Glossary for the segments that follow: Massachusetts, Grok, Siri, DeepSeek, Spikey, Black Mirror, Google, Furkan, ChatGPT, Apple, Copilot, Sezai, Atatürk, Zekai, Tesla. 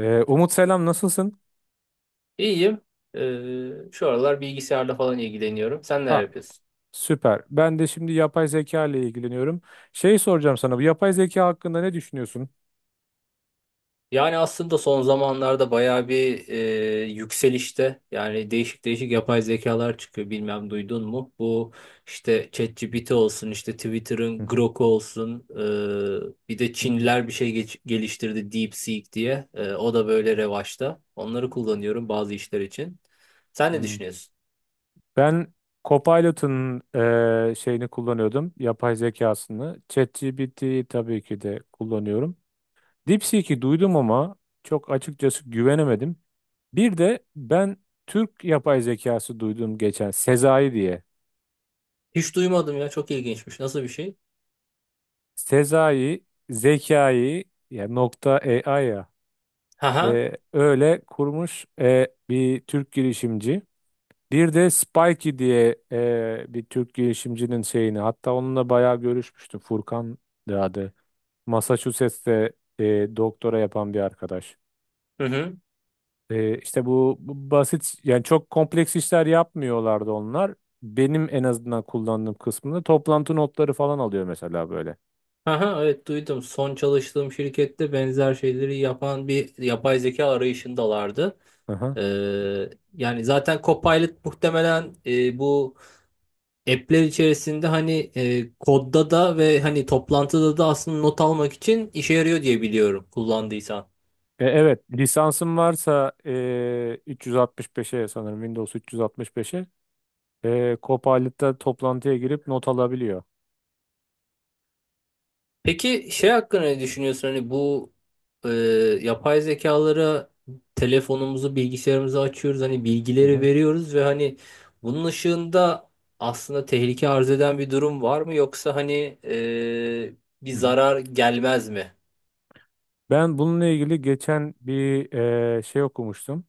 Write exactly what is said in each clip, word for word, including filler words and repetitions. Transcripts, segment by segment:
Ee, Umut, selam, nasılsın? İyiyim. Ee, şu aralar bilgisayarla falan ilgileniyorum. Sen neler Ha, yapıyorsun? süper. Ben de şimdi yapay zeka ile ilgileniyorum. Şey soracağım sana, bu yapay zeka hakkında ne düşünüyorsun? Yani aslında son zamanlarda bayağı bir e, yükselişte. Yani değişik değişik yapay zekalar çıkıyor. Bilmem duydun mu? Bu işte ChatGPT olsun, işte Hı Twitter'ın hı. Grok olsun. E, bir de Hı Çinliler bir şey geç- geliştirdi DeepSeek diye. E, o da böyle revaçta. Onları kullanıyorum bazı işler için. Sen ne hı. düşünüyorsun? Ben Copilot'un e, şeyini kullanıyordum. Yapay zekasını. ChatGPT 'yi tabii ki de kullanıyorum. DeepSeek'i duydum ama çok açıkçası güvenemedim. Bir de ben Türk yapay zekası duydum geçen, Sezai diye. Hiç duymadım ya. Çok ilginçmiş. Nasıl bir şey? Sezai, Zekai ya nokta A I ya. Haha. E, öyle kurmuş, e, bir Türk girişimci. Bir de Spikey diye, e, bir Türk girişimcinin şeyini, hatta onunla bayağı görüşmüştüm. Furkan da adı. Massachusetts'te e, doktora yapan bir arkadaş. Hı hı. E, işte bu, bu basit, yani çok kompleks işler yapmıyorlardı onlar. Benim en azından kullandığım kısmında toplantı notları falan alıyor mesela, böyle. Aha, evet duydum. Son çalıştığım şirkette benzer şeyleri yapan bir yapay zeka arayışındalardı. Aha. Ee, yani zaten Copilot muhtemelen e, bu app'ler içerisinde hani e, kodda da ve hani toplantıda da aslında not almak için işe yarıyor diye biliyorum kullandıysan. E, evet, lisansım varsa, e, üç yüz altmış beşe, sanırım Windows üç yüz altmış beşe, e, Copilot'ta toplantıya girip not alabiliyor. Peki şey hakkında ne düşünüyorsun? Hani bu e, yapay zekalara telefonumuzu, bilgisayarımızı açıyoruz. Hani Hı bilgileri hı. veriyoruz ve hani bunun ışığında aslında tehlike arz eden bir durum var mı? Yoksa hani e, bir Hı hı. zarar gelmez mi? Ben bununla ilgili geçen bir e, şey okumuştum.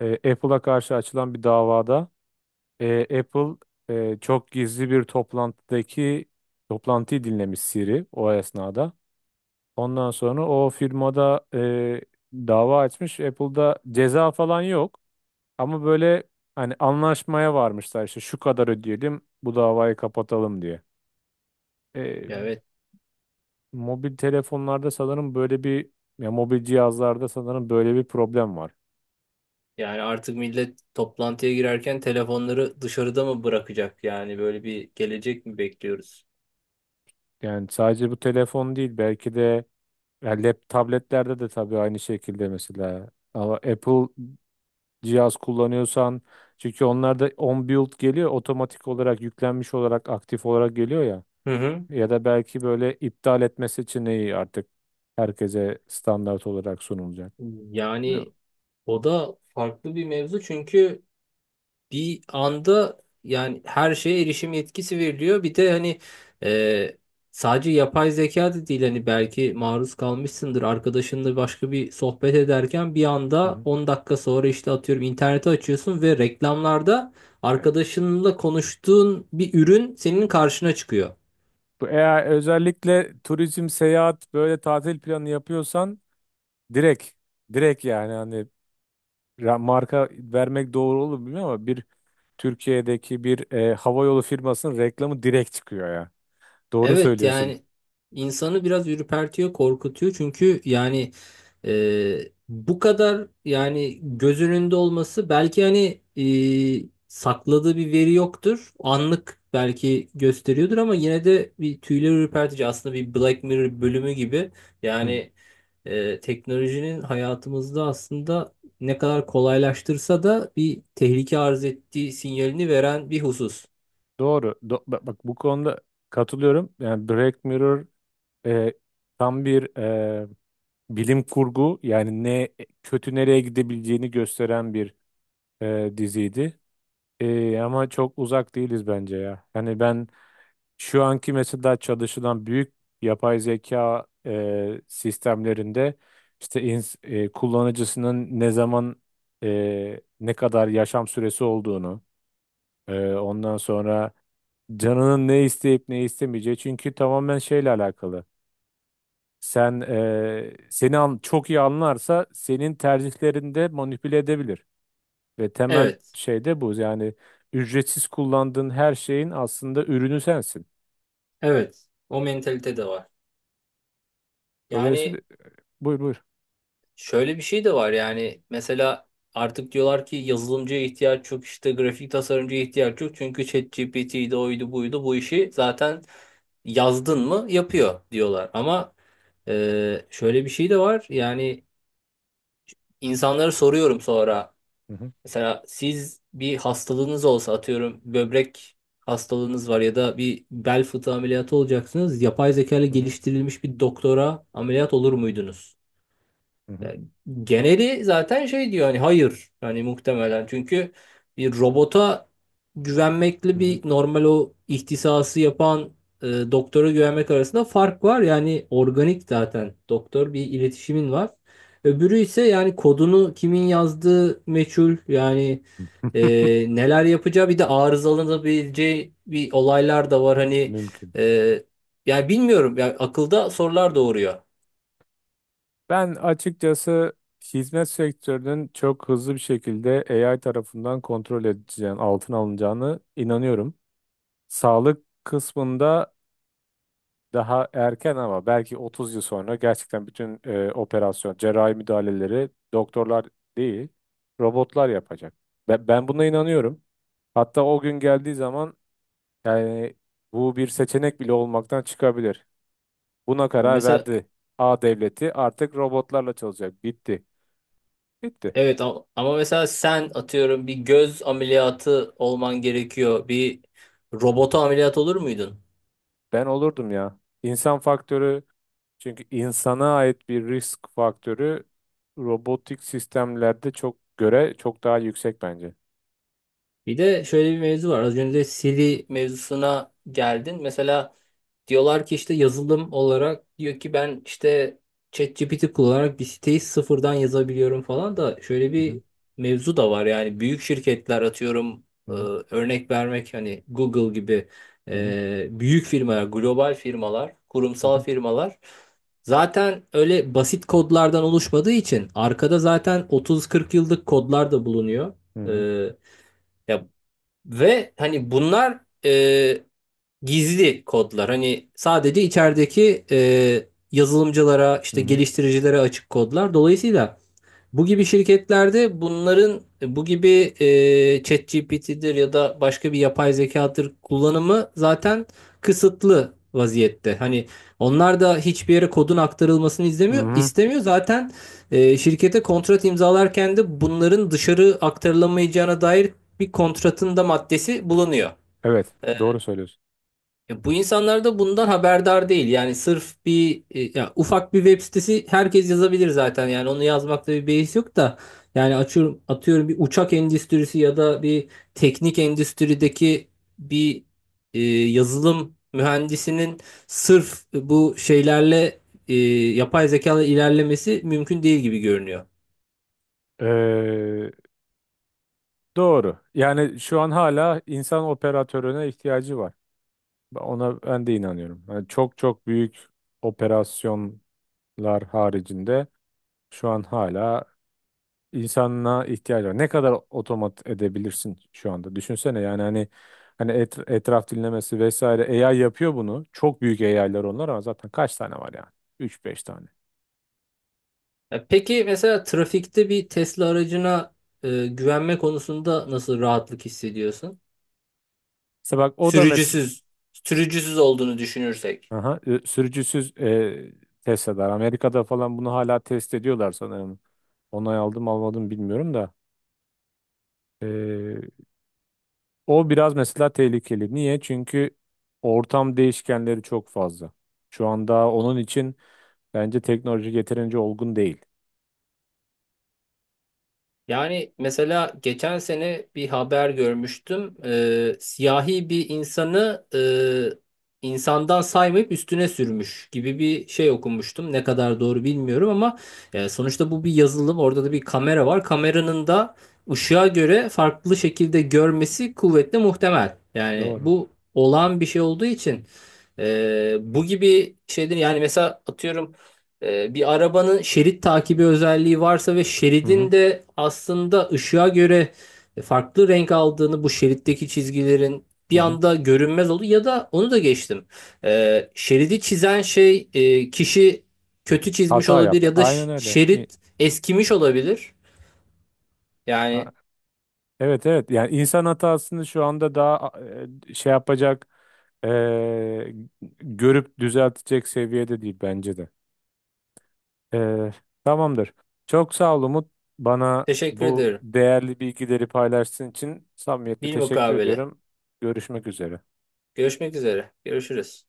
E, Apple'a karşı açılan bir davada, e, Apple e, çok gizli bir toplantıdaki toplantıyı dinlemiş Siri o esnada. Ondan sonra o firmada e, dava açmış. Apple'da ceza falan yok. Ama böyle hani, anlaşmaya varmışlar işte, şu kadar ödeyelim bu davayı kapatalım diye. Ya, evet. Mobil telefonlarda sanırım böyle bir, ya mobil cihazlarda sanırım böyle bir problem var. Yani artık millet toplantıya girerken telefonları dışarıda mı bırakacak? Yani böyle bir gelecek mi bekliyoruz? Yani sadece bu telefon değil belki de, ya lap tabletlerde de tabii aynı şekilde mesela, ama Apple cihaz kullanıyorsan, çünkü onlarda on build geliyor, otomatik olarak yüklenmiş olarak, aktif olarak geliyor ya, Hı hı. ya da belki böyle iptal etme seçeneği artık herkese standart olarak sunulacak. Bilmiyorum. Yani o da farklı bir mevzu çünkü bir anda yani her şeye erişim yetkisi veriliyor. Bir de hani e, sadece yapay zeka da değil hani belki maruz kalmışsındır arkadaşınla başka bir sohbet ederken bir Hı anda hı. on dakika sonra işte atıyorum interneti açıyorsun ve reklamlarda Evet. arkadaşınla konuştuğun bir ürün senin karşına çıkıyor. Bu Eğer özellikle turizm, seyahat, böyle tatil planı yapıyorsan, direkt direkt, yani hani, ra- marka vermek doğru olur mu bilmiyorum ama bir Türkiye'deki bir e, havayolu firmasının reklamı direkt çıkıyor ya. Doğru Evet söylüyorsun. yani insanı biraz ürpertiyor, korkutuyor. Çünkü yani e, bu kadar yani göz önünde olması belki hani e, sakladığı bir veri yoktur. Anlık belki gösteriyordur ama yine de bir tüyler ürpertici. Aslında bir Black Mirror bölümü gibi. Hı. Yani e, teknolojinin hayatımızda aslında ne kadar kolaylaştırsa da bir tehlike arz ettiği sinyalini veren bir husus. Doğru. Do- bak, bak bu konuda katılıyorum. Yani Black Mirror, e, tam bir, e, bilim kurgu, yani ne kötü, nereye gidebileceğini gösteren bir, e, diziydi. E, ama çok uzak değiliz bence ya. Hani ben, şu anki mesela çalışılan büyük yapay zeka e, sistemlerinde, işte ins- e, kullanıcısının ne zaman, e, ne kadar yaşam süresi olduğunu, e, ondan sonra canının ne isteyip ne istemeyeceği, çünkü tamamen şeyle alakalı. Sen e, seni an- çok iyi anlarsa senin tercihlerinde manipüle edebilir ve temel Evet, şey de bu. Yani ücretsiz kullandığın her şeyin aslında ürünü sensin. evet. O mentalite de var. Dolayısıyla, Yani buyur buyur. şöyle bir şey de var yani mesela artık diyorlar ki yazılımcıya ihtiyaç yok işte grafik tasarımcıya ihtiyaç yok çünkü ChatGPT'ydi oydu buydu bu işi zaten yazdın mı yapıyor diyorlar ama e, şöyle bir şey de var yani insanlara soruyorum sonra mesela siz bir hastalığınız olsa atıyorum böbrek hastalığınız var ya da bir bel fıtığı ameliyatı olacaksınız yapay zeka ile Hı hı, geliştirilmiş bir doktora ameliyat olur muydunuz? hı hı, Yani geneli zaten şey diyor hani hayır hani muhtemelen çünkü bir robota hı güvenmekle hı. bir normal o ihtisası yapan e, doktora güvenmek arasında fark var. Yani organik zaten doktor bir iletişimin var. Öbürü ise yani kodunu kimin yazdığı meçhul yani e, neler yapacağı bir de arızalanabileceği bir olaylar da var hani Mümkün. e, yani bilmiyorum yani akılda sorular doğuruyor. Ben açıkçası hizmet sektörünün çok hızlı bir şekilde A I tarafından kontrol edileceğini, altına alınacağını inanıyorum. Sağlık kısmında daha erken ama belki otuz yıl sonra gerçekten bütün e, operasyon, cerrahi müdahaleleri doktorlar değil, robotlar yapacak. Ben, ben buna inanıyorum. Hatta o gün geldiği zaman, yani bu bir seçenek bile olmaktan çıkabilir. Buna Yani karar mesela verdi. A devleti artık robotlarla çalışacak. Bitti. Bitti. evet ama, ama mesela sen atıyorum bir göz ameliyatı olman gerekiyor. Bir robota ameliyat olur muydun? Ben olurdum ya. İnsan faktörü, çünkü insana ait bir risk faktörü robotik sistemlerde çok göre çok daha yüksek bence. Bir de şöyle bir mevzu var. Az önce Siri mevzusuna geldin. Mesela diyorlar ki işte yazılım olarak diyor ki ben işte ChatGPT kullanarak bir siteyi sıfırdan yazabiliyorum falan da şöyle Hı bir hı, mevzu da var yani büyük şirketler atıyorum e, hı örnek vermek hani Google gibi hı, e, büyük firmalar, global firmalar, hı kurumsal hı, firmalar zaten öyle basit kodlardan oluşmadığı için arkada zaten otuz kırk yıllık kodlar da bulunuyor. hı hı, E, ya ve hani bunlar e, gizli kodlar. Hani sadece içerideki e, yazılımcılara, hı işte hı, hı hı. geliştiricilere açık kodlar. Dolayısıyla bu gibi şirketlerde bunların bu gibi e, ChatGPT'dir ya da başka bir yapay zekadır kullanımı zaten kısıtlı vaziyette. Hani onlar da hiçbir yere kodun aktarılmasını Hı izlemiyor, hı. istemiyor. Zaten e, şirkete kontrat imzalarken de bunların dışarı aktarılamayacağına dair bir kontratın da maddesi bulunuyor. Evet, E, doğru söylüyorsun. Ya bu insanlar da bundan haberdar değil. Yani sırf bir e, ya ufak bir web sitesi herkes yazabilir zaten. Yani onu yazmakta bir beis yok da yani açıyorum atıyorum bir uçak endüstrisi ya da bir teknik endüstrideki bir e, yazılım mühendisinin sırf bu şeylerle e, yapay zeka ile ilerlemesi mümkün değil gibi görünüyor. Ee, doğru. Yani şu an hala insan operatörüne ihtiyacı var. Ben- Ona ben de inanıyorum. Yani çok çok büyük operasyonlar haricinde şu an hala insana ihtiyaç var. Ne kadar otomat edebilirsin şu anda? Düşünsene, yani hani, hani et- etraf dinlemesi vesaire A I yapıyor bunu. Çok büyük A I'lar onlar, ama zaten kaç tane var yani? Üç beş tane. Ya peki mesela trafikte bir Tesla aracına e, güvenme konusunda nasıl rahatlık hissediyorsun? İşte bak, o da mes Sürücüsüz, sürücüsüz olduğunu düşünürsek. Aha, e, sürücüsüz e, test eder. Amerika'da falan bunu hala test ediyorlar sanırım. Onay aldım almadım bilmiyorum da. E, O biraz mesela tehlikeli. Niye? Çünkü ortam değişkenleri çok fazla. Şu anda onun için bence teknoloji yeterince olgun değil. Yani mesela geçen sene bir haber görmüştüm. Ee, siyahi bir insanı e, insandan saymayıp üstüne sürmüş gibi bir şey okumuştum. Ne kadar doğru bilmiyorum ama e, sonuçta bu bir yazılım. Orada da bir kamera var. Kameranın da ışığa göre farklı şekilde görmesi kuvvetle muhtemel. Yani Doğru. bu olağan bir şey olduğu için e, bu gibi şeyler yani mesela atıyorum Ee, bir arabanın şerit takibi özelliği varsa ve Hı hı, şeridin de aslında ışığa göre farklı renk aldığını bu şeritteki çizgilerin hı bir hı. anda görünmez oldu ya da onu da geçtim. Ee, şeridi çizen şey e, kişi kötü çizmiş Hata olabilir yaptı. ya da Aynen ş- öyle. İ- şerit eskimiş olabilir. a- Yani Evet, evet. Yani insan hatasını şu anda daha e, şey yapacak, e, görüp düzeltecek seviyede değil bence de. Ee, Tamamdır. Çok sağ ol, Umut. Bana teşekkür bu ederim. değerli bilgileri paylaştığın için samimiyetle teşekkür Bilmukabele. ediyorum. Görüşmek üzere. Görüşmek üzere. Görüşürüz.